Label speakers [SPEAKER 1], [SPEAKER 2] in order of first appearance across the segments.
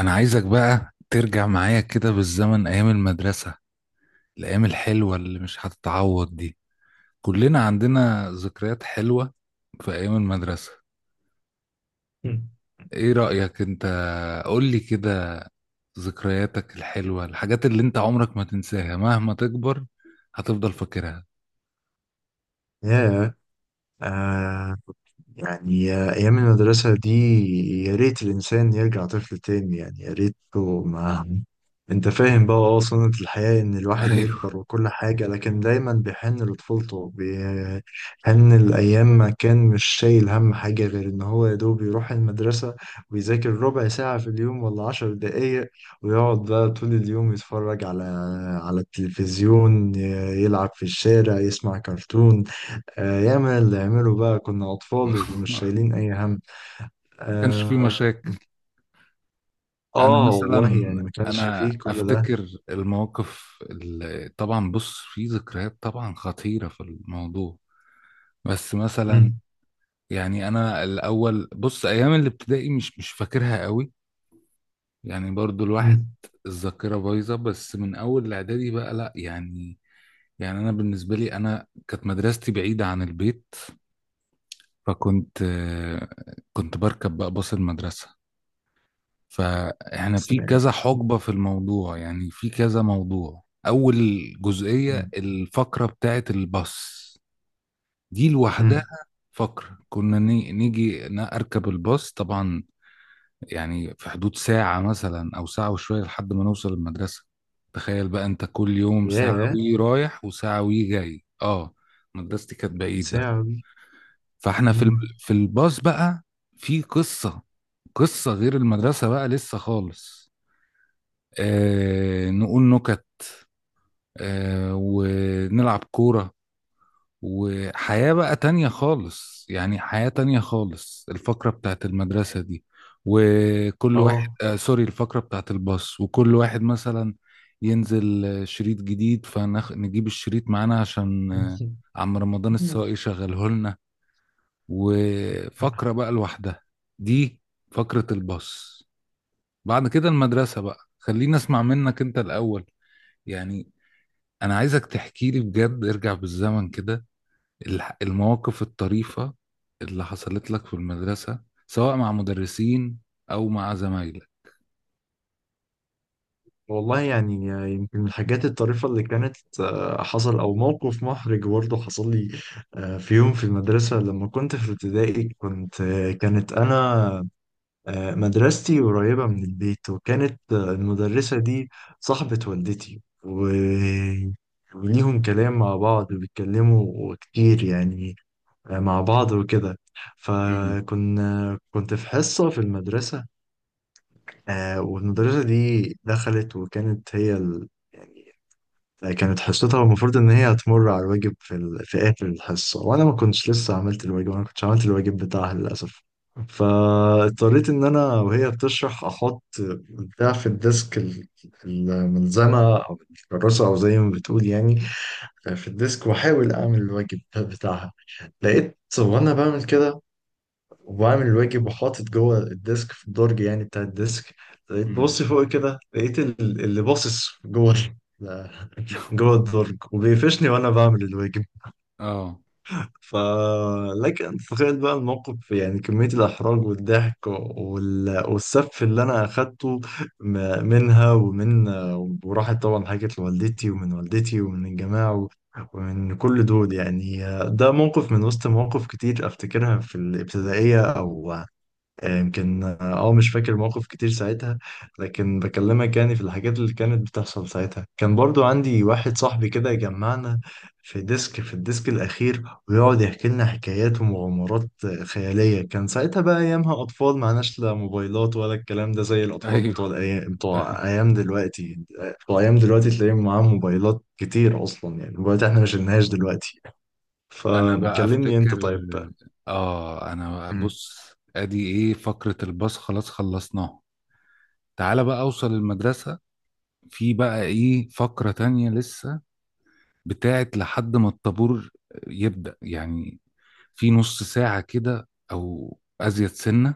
[SPEAKER 1] انا عايزك بقى ترجع معايا كده بالزمن ايام المدرسة، الايام الحلوة اللي مش هتتعوض دي. كلنا عندنا ذكريات حلوة في ايام المدرسة.
[SPEAKER 2] مم.
[SPEAKER 1] ايه رأيك انت؟ قولي كده، ذكرياتك الحلوة، الحاجات اللي انت عمرك ما تنساها مهما تكبر هتفضل فاكرها.
[SPEAKER 2] ياه. آه. يعني أيام المدرسة دي. يا ريت الإنسان يرجع طفل تاني، يعني يا ريته ما... أنت فاهم بقى؟ سنة الحياة إن الواحد يكبر
[SPEAKER 1] ايوه.
[SPEAKER 2] وكل حاجة، لكن دايما بيحن لطفولته، بيحن الأيام ما كان مش شايل هم حاجة غير إن هو يا دوب يروح المدرسة، ويذاكر 1/4 ساعة في اليوم ولا 10 دقايق، ويقعد بقى طول اليوم يتفرج على التلفزيون، يلعب في الشارع، يسمع كرتون. آه ياما اللي عمله بقى، كنا أطفال ومش شايلين أي هم.
[SPEAKER 1] كانش في
[SPEAKER 2] آه,
[SPEAKER 1] مشاكل. انا
[SPEAKER 2] آه
[SPEAKER 1] مثلا،
[SPEAKER 2] والله يعني، ما كانش
[SPEAKER 1] انا
[SPEAKER 2] فيه كل ده.
[SPEAKER 1] افتكر المواقف اللي طبعا، بص، في ذكريات طبعا خطيرة في الموضوع، بس مثلا
[SPEAKER 2] مم.
[SPEAKER 1] يعني انا الاول، بص، ايام الابتدائي مش فاكرها قوي، يعني برضو الواحد
[SPEAKER 2] مم.
[SPEAKER 1] الذاكره بايظه، بس من اول الاعدادي بقى لا يعني. يعني انا بالنسبه لي، انا كانت مدرستي بعيده عن البيت، فكنت كنت بركب بقى باص المدرسه. فاحنا في
[SPEAKER 2] سلام.
[SPEAKER 1] كذا حقبه في الموضوع، يعني في كذا موضوع. اول جزئيه
[SPEAKER 2] مم.
[SPEAKER 1] الفقره بتاعت الباص دي لوحدها
[SPEAKER 2] مم.
[SPEAKER 1] فقرة. كنا أركب الباص طبعا، يعني في حدود ساعة مثلا أو ساعة وشوية لحد ما نوصل المدرسة. تخيل بقى أنت كل يوم ساعة
[SPEAKER 2] ياه.
[SPEAKER 1] وي رايح وساعة وي جاي. أه، مدرستي كانت بعيدة.
[SPEAKER 2] ساعة دي؟
[SPEAKER 1] فإحنا في
[SPEAKER 2] مم.
[SPEAKER 1] في الباص بقى في قصة، قصة غير المدرسة بقى لسه خالص. آه، نقول نكت، آه، ونلعب كورة، وحياة بقى تانية خالص. يعني حياة تانية خالص الفقرة بتاعت المدرسة دي. وكل واحد،
[SPEAKER 2] آه.
[SPEAKER 1] آه، سوري، الفقرة بتاعت الباص، وكل واحد مثلا ينزل شريط جديد فنجيب الشريط معانا عشان عم رمضان
[SPEAKER 2] مم.
[SPEAKER 1] السواق يشغله لنا. وفقرة بقى لوحدها دي، فقرة الباص. بعد كده المدرسة بقى، خلينا اسمع منك انت الأول، يعني أنا عايزك تحكي لي بجد، ارجع بالزمن كده، المواقف الطريفة اللي حصلت لك في المدرسة، سواء مع مدرسين أو مع زمايلك.
[SPEAKER 2] والله يعني، يمكن من الحاجات الطريفة اللي كانت حصل، أو موقف محرج برضه حصل لي. في يوم في المدرسة لما كنت في ابتدائي كنت كانت أنا مدرستي قريبة من البيت، وكانت المدرسة دي صاحبة والدتي و... وليهم كلام مع بعض وبيتكلموا كتير، يعني مع بعض وكده.
[SPEAKER 1] امم.
[SPEAKER 2] كنت في حصة في المدرسة، والمدرسة دي دخلت، وكانت هي ال... يعني كانت حصتها المفروض ان هي هتمر على الواجب في ال... في اخر الحصه، وانا ما كنتش لسه عملت الواجب، انا ما كنتش عملت الواجب بتاعها للاسف. فاضطريت ان انا وهي بتشرح احط بتاع في الديسك، الملزمه او الكراسه، او زي ما بتقول يعني، في الديسك، واحاول اعمل الواجب بتاعها. لقيت وانا بعمل كده، وبعمل الواجب وحاطط جوه الديسك في الدرج يعني بتاع الديسك، لقيت
[SPEAKER 1] امم.
[SPEAKER 2] ببص فوق كده، لقيت اللي باصص جوه جوه الدرج وبيقفشني وانا بعمل الواجب.
[SPEAKER 1] اه.
[SPEAKER 2] ف لكن تخيل بقى الموقف، يعني كمية الإحراج والضحك وال... والسف اللي أنا أخدته منها ومن... وراحت طبعا حكت لوالدتي، ومن والدتي ومن الجماعة و... ومن كل دول يعني. ده موقف من وسط مواقف كتير أفتكرها في الابتدائية، أو يمكن مش فاكر موقف كتير ساعتها. لكن بكلمك يعني، في الحاجات اللي كانت بتحصل ساعتها، كان برضو عندي واحد صاحبي كده يجمعنا في الديسك الأخير، ويقعد يحكي لنا حكايات ومغامرات خيالية. كان ساعتها بقى، أيامها أطفال، معناش لا موبايلات ولا الكلام ده، زي الأطفال بتوع
[SPEAKER 1] ايوه.
[SPEAKER 2] الأيام بتوع أيام دلوقتي، بتوع أيام دلوقتي تلاقيهم معاهم موبايلات كتير أصلا، يعني موبايلات إحنا ما شلناهاش دلوقتي.
[SPEAKER 1] انا بقى
[SPEAKER 2] فكلمني أنت
[SPEAKER 1] افتكر،
[SPEAKER 2] طيب بقى.
[SPEAKER 1] اه، انا بقى،
[SPEAKER 2] مم.
[SPEAKER 1] بص، ادي ايه فقرة الباص، خلاص خلصناها. تعالى بقى اوصل المدرسة. في بقى ايه فقرة تانية لسه، بتاعت لحد ما الطابور يبدأ، يعني في نص ساعة كده او ازيد سنة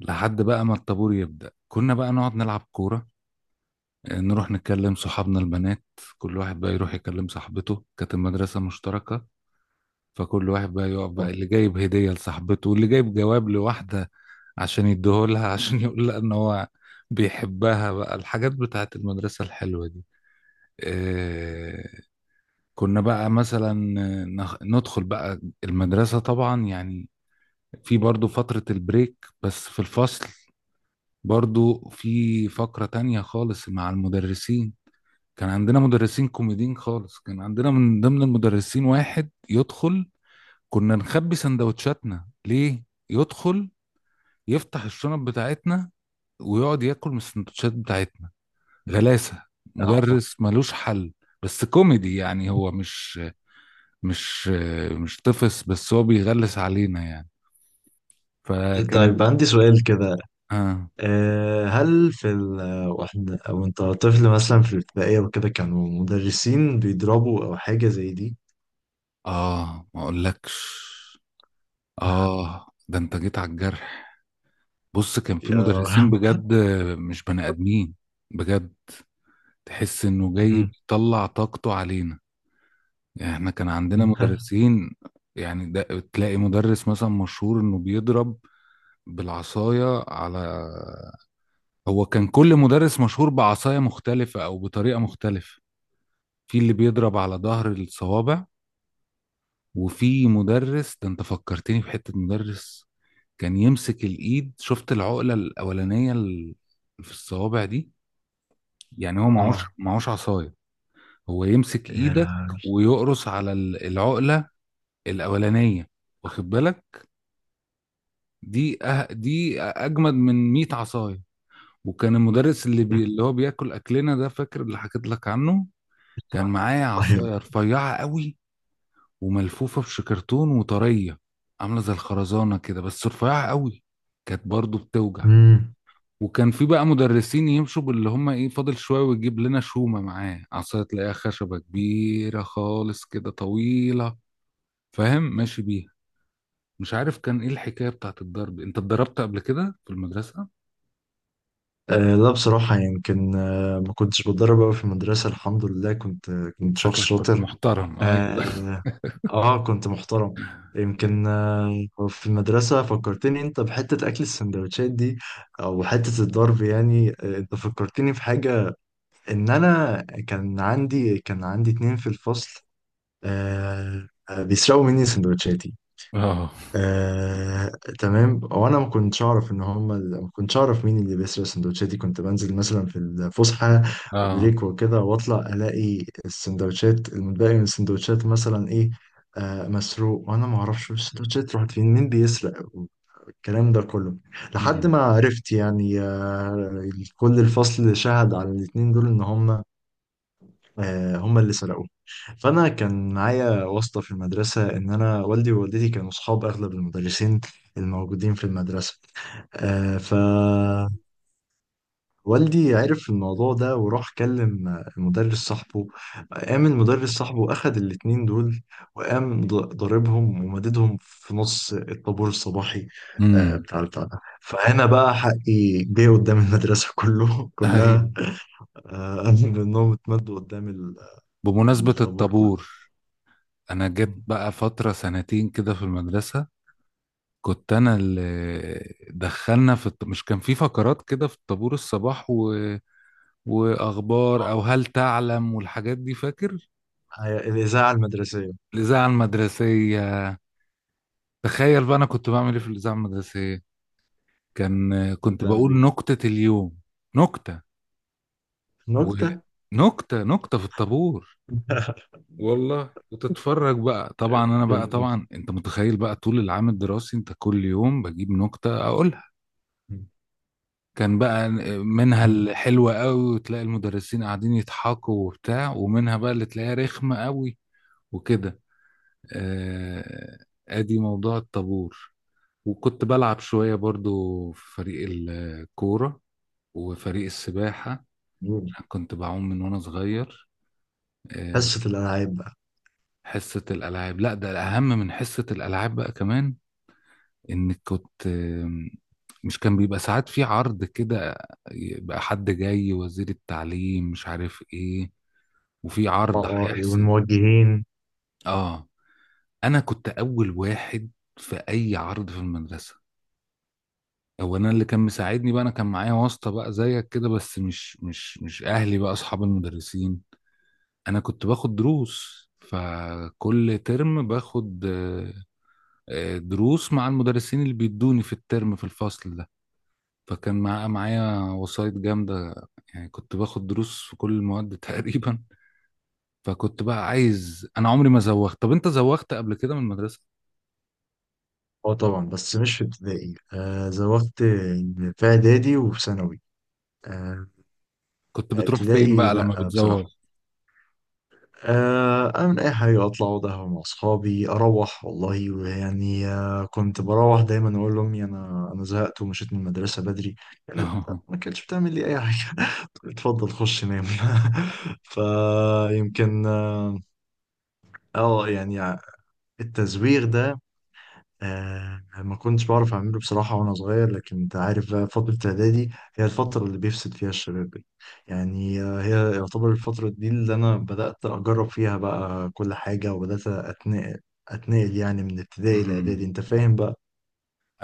[SPEAKER 1] لحد بقى ما الطابور يبدأ. كنا بقى نقعد نلعب كورة، آه، نروح نكلم صحابنا البنات، كل واحد بقى يروح يكلم صاحبته، كانت المدرسة مشتركة، فكل واحد بقى يقف بقى، اللي جايب هدية لصاحبته واللي جايب جواب لواحدة عشان يديهولها، عشان يقول لها ان هو بيحبها بقى، الحاجات بتاعت المدرسة الحلوة دي. آه، كنا بقى مثلا، آه، ندخل بقى المدرسة طبعا، يعني في برضو فترة البريك، بس في الفصل برضو في فقرة تانية خالص مع المدرسين. كان عندنا مدرسين كوميديين خالص، كان عندنا من ضمن المدرسين واحد يدخل، كنا نخبي سندوتشاتنا ليه، يدخل يفتح الشنط بتاعتنا ويقعد ياكل من السندوتشات بتاعتنا. غلاسة!
[SPEAKER 2] آه.
[SPEAKER 1] مدرس ملوش حل، بس كوميدي، يعني هو مش مش طفس، بس هو بيغلس علينا يعني. فكانت
[SPEAKER 2] طيب عندي سؤال كده،
[SPEAKER 1] اه.
[SPEAKER 2] هل في ال... واحنا وانت طفل مثلا في الابتدائية وكده، كانوا مدرسين بيضربوا او حاجة زي دي؟
[SPEAKER 1] اه، ما اقولكش، آه ده أنت جيت على الجرح. بص، كان في
[SPEAKER 2] يا
[SPEAKER 1] مدرسين
[SPEAKER 2] رب.
[SPEAKER 1] بجد مش بني آدمين، بجد، تحس إنه جاي
[SPEAKER 2] مم.
[SPEAKER 1] بيطلع طاقته علينا. يعني إحنا كان عندنا مدرسين، يعني ده تلاقي مدرس مثلا مشهور إنه بيضرب بالعصاية على، هو كان كل مدرس مشهور بعصاية مختلفة أو بطريقة مختلفة. في اللي بيضرب على ظهر الصوابع، وفي مدرس، ده انت فكرتني بحتة مدرس، كان يمسك الايد، شفت العقلة الاولانية في الصوابع دي، يعني هو معهوش
[SPEAKER 2] اه.
[SPEAKER 1] معهوش عصاية، هو يمسك
[SPEAKER 2] يا
[SPEAKER 1] ايدك
[SPEAKER 2] لهوي.
[SPEAKER 1] ويقرص على العقلة الاولانية، واخد بالك؟ دي أه دي اجمد من 100 عصاية. وكان المدرس اللي اللي هو بياكل اكلنا ده، فاكر اللي حكيت لك عنه، كان معايا
[SPEAKER 2] طيب.
[SPEAKER 1] عصاية رفيعة قوي وملفوفة بشكرتون وطرية، عاملة زي الخرزانة كده بس رفيعة قوي، كانت برضو بتوجع.
[SPEAKER 2] مم.
[SPEAKER 1] وكان في بقى مدرسين يمشوا باللي هم ايه، فاضل شوية ويجيب لنا شومة، معاه عصاية تلاقيها خشبة كبيرة خالص كده طويلة، فاهم؟ ماشي بيها. مش عارف كان ايه الحكاية بتاعت الضرب. انت اتضربت قبل كده في المدرسة؟
[SPEAKER 2] آه لا، بصراحة، يمكن ما كنتش بتدرب أوي في المدرسة، الحمد لله، كنت شخص
[SPEAKER 1] شكلك كنت
[SPEAKER 2] شاطر.
[SPEAKER 1] محترم، ايوه.
[SPEAKER 2] آه, آه كنت محترم. يمكن في المدرسة فكرتني أنت بحتة أكل السندوتشات دي، أو حتة الضرب، يعني أنت فكرتني في حاجة. ان انا كان عندي اتنين في الفصل، بيسرقوا مني سندوتشاتي.
[SPEAKER 1] اه.
[SPEAKER 2] آه. تمام، وانا ما كنتش اعرف ان هم، ما كنتش اعرف مين اللي بيسرق سندوتشاتي. كنت بنزل مثلا في الفسحه،
[SPEAKER 1] اه.
[SPEAKER 2] بريك وكده، واطلع الاقي السندوتشات، المتبقي من السندوتشات مثلا ايه مسروق، وانا ما اعرفش السندوتشات راحت فين، مين بيسرق الكلام ده كله. لحد
[SPEAKER 1] امم.
[SPEAKER 2] ما عرفت يعني كل الفصل شهد على الاتنين دول ان هم، هم اللي سرقوه. فانا كان معايا واسطه في المدرسه، ان انا والدي ووالدتي كانوا اصحاب اغلب المدرسين الموجودين في المدرسه. فوالدي عرف الموضوع ده، وراح كلم المدرس صاحبه، قام المدرس صاحبه أخد الاتنين دول، وقام ضاربهم ومددهم في نص الطابور الصباحي،
[SPEAKER 1] امم.
[SPEAKER 2] بتاع البتاع ده. فهنا بقى حقي جه قدام المدرسة كله
[SPEAKER 1] ايوه.
[SPEAKER 2] كلها. آه، منهم اتمدوا قدام
[SPEAKER 1] بمناسبة
[SPEAKER 2] الطابور كله.
[SPEAKER 1] الطابور، انا جيت
[SPEAKER 2] مم.
[SPEAKER 1] بقى فترة سنتين كده في المدرسة كنت انا اللي دخلنا في مش كان في فقرات كده في طابور الصباح و، واخبار
[SPEAKER 2] آه.
[SPEAKER 1] او هل تعلم والحاجات دي، فاكر؟
[SPEAKER 2] هي الإذاعة المدرسية.
[SPEAKER 1] الاذاعه المدرسيه. تخيل بقى انا كنت بعمل ايه في الاذاعه المدرسيه؟ كان
[SPEAKER 2] كنت
[SPEAKER 1] كنت
[SPEAKER 2] بتعمل
[SPEAKER 1] بقول
[SPEAKER 2] إيه؟
[SPEAKER 1] نكته اليوم. نكته،
[SPEAKER 2] نكتة.
[SPEAKER 1] ونكته في الطابور، والله. وتتفرج بقى طبعا، انا بقى،
[SPEAKER 2] مم.
[SPEAKER 1] طبعا انت متخيل بقى طول العام الدراسي انت كل يوم بجيب نكته اقولها. كان بقى منها الحلوة قوي وتلاقي المدرسين قاعدين يضحكوا وبتاع، ومنها بقى اللي تلاقيها رخمة قوي وكده. آه، ادي موضوع الطابور. وكنت بلعب شوية برضو في فريق الكورة وفريق السباحة،
[SPEAKER 2] مم.
[SPEAKER 1] كنت بعوم من وانا صغير. آه،
[SPEAKER 2] حصة الألعاب بقى.
[SPEAKER 1] حصة الألعاب، لا ده الأهم من حصة الألعاب بقى كمان، إنك كنت مش كان بيبقى ساعات في عرض كده، يبقى حد جاي وزير التعليم مش عارف ايه، وفي عرض
[SPEAKER 2] اه. اه إيه،
[SPEAKER 1] هيحصل.
[SPEAKER 2] والموجهين.
[SPEAKER 1] اه، انا كنت اول واحد في اي عرض في المدرسه. هو انا اللي كان مساعدني بقى، انا كان معايا واسطه بقى زيك كده، بس مش اهلي بقى اصحاب المدرسين، انا كنت باخد دروس، فكل ترم باخد دروس مع المدرسين اللي بيدوني في الترم في الفصل ده، فكان معايا وسايط جامده، يعني كنت باخد دروس في كل المواد تقريبا. فكنت بقى عايز، انا عمري ما زوغت. طب انت زوغت قبل كده من المدرسه؟
[SPEAKER 2] اه طبعا، بس مش في ابتدائي، زوغت في إعدادي وفي ثانوي. آه.
[SPEAKER 1] كنت بتروح فين
[SPEAKER 2] ابتدائي
[SPEAKER 1] بقى لما
[SPEAKER 2] لأ بصراحة،
[SPEAKER 1] بتزوغ؟
[SPEAKER 2] أعمل أي حاجة، أطلع أقعد مع أصحابي، أروح والله، ويعني كنت بروح دايما أقول لأمي، أنا زهقت ومشيت من المدرسة بدري. كانت ما كانتش بتعمل لي أي حاجة. اتفضل خش نام. فيمكن يعني التزويغ ده، ما كنتش بعرف أعمله بصراحة وأنا صغير. لكن أنت عارف بقى، فترة إعدادي هي الفترة اللي بيفسد فيها الشباب دي، يعني هي يعتبر الفترة دي اللي أنا بدأت أجرب فيها بقى كل حاجة، وبدأت أتنقل يعني من ابتدائي
[SPEAKER 1] أمم.
[SPEAKER 2] لإعدادي، أنت فاهم بقى؟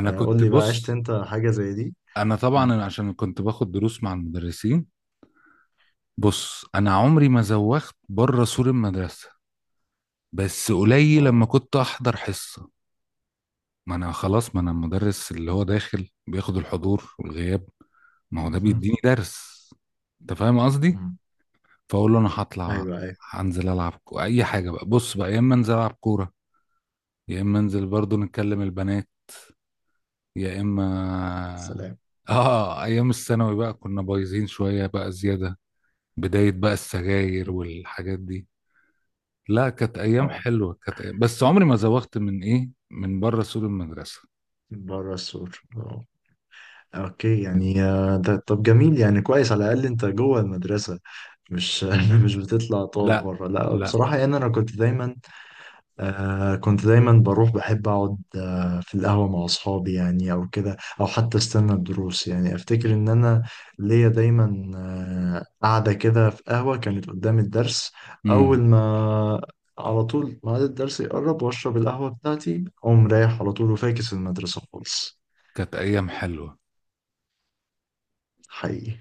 [SPEAKER 1] انا
[SPEAKER 2] قول
[SPEAKER 1] كنت،
[SPEAKER 2] لي بقى، عشت
[SPEAKER 1] بص،
[SPEAKER 2] أنت حاجة زي دي؟
[SPEAKER 1] انا
[SPEAKER 2] مم.
[SPEAKER 1] طبعا عشان كنت باخد دروس مع المدرسين. بص انا عمري ما زوغت بره سور المدرسة، بس قليل لما
[SPEAKER 2] أه.
[SPEAKER 1] كنت احضر حصة. ما انا خلاص، ما انا المدرس اللي هو داخل بياخد الحضور والغياب، ما هو ده
[SPEAKER 2] مهم.
[SPEAKER 1] بيديني درس، انت فاهم قصدي؟
[SPEAKER 2] مم.
[SPEAKER 1] فاقول له انا هطلع،
[SPEAKER 2] أيوه أيوه.
[SPEAKER 1] هنزل العب اي حاجة بقى، بص بقى يا اما انزل العب كورة، يا اما انزل برضو نتكلم البنات، يا اما
[SPEAKER 2] سلام.
[SPEAKER 1] اه. ايام الثانوي بقى كنا بايظين شوية بقى زيادة، بداية بقى السجاير والحاجات دي، لا كانت ايام
[SPEAKER 2] أه
[SPEAKER 1] حلوة، كانت أيام، بس عمري ما زوغت من ايه، من بره سور المدرسة.
[SPEAKER 2] بره السور، أه. اوكي، يعني ده طب جميل يعني، كويس على الاقل انت جوه المدرسه، مش مش بتطلع تقعد
[SPEAKER 1] لا. اه.
[SPEAKER 2] بره. لا
[SPEAKER 1] لا.
[SPEAKER 2] بصراحه يعني، انا كنت دايما كنت دايما بروح، بحب اقعد في القهوه مع اصحابي، يعني او كده، او حتى استنى الدروس. يعني افتكر ان انا ليا دايما قاعده كده في قهوه كانت قدام الدرس، اول
[SPEAKER 1] امم.
[SPEAKER 2] ما على طول ميعاد الدرس يقرب، واشرب القهوه بتاعتي، اقوم رايح على طول، وفاكس المدرسه خالص.
[SPEAKER 1] كانت ايام حلوة.
[SPEAKER 2] حقيقي.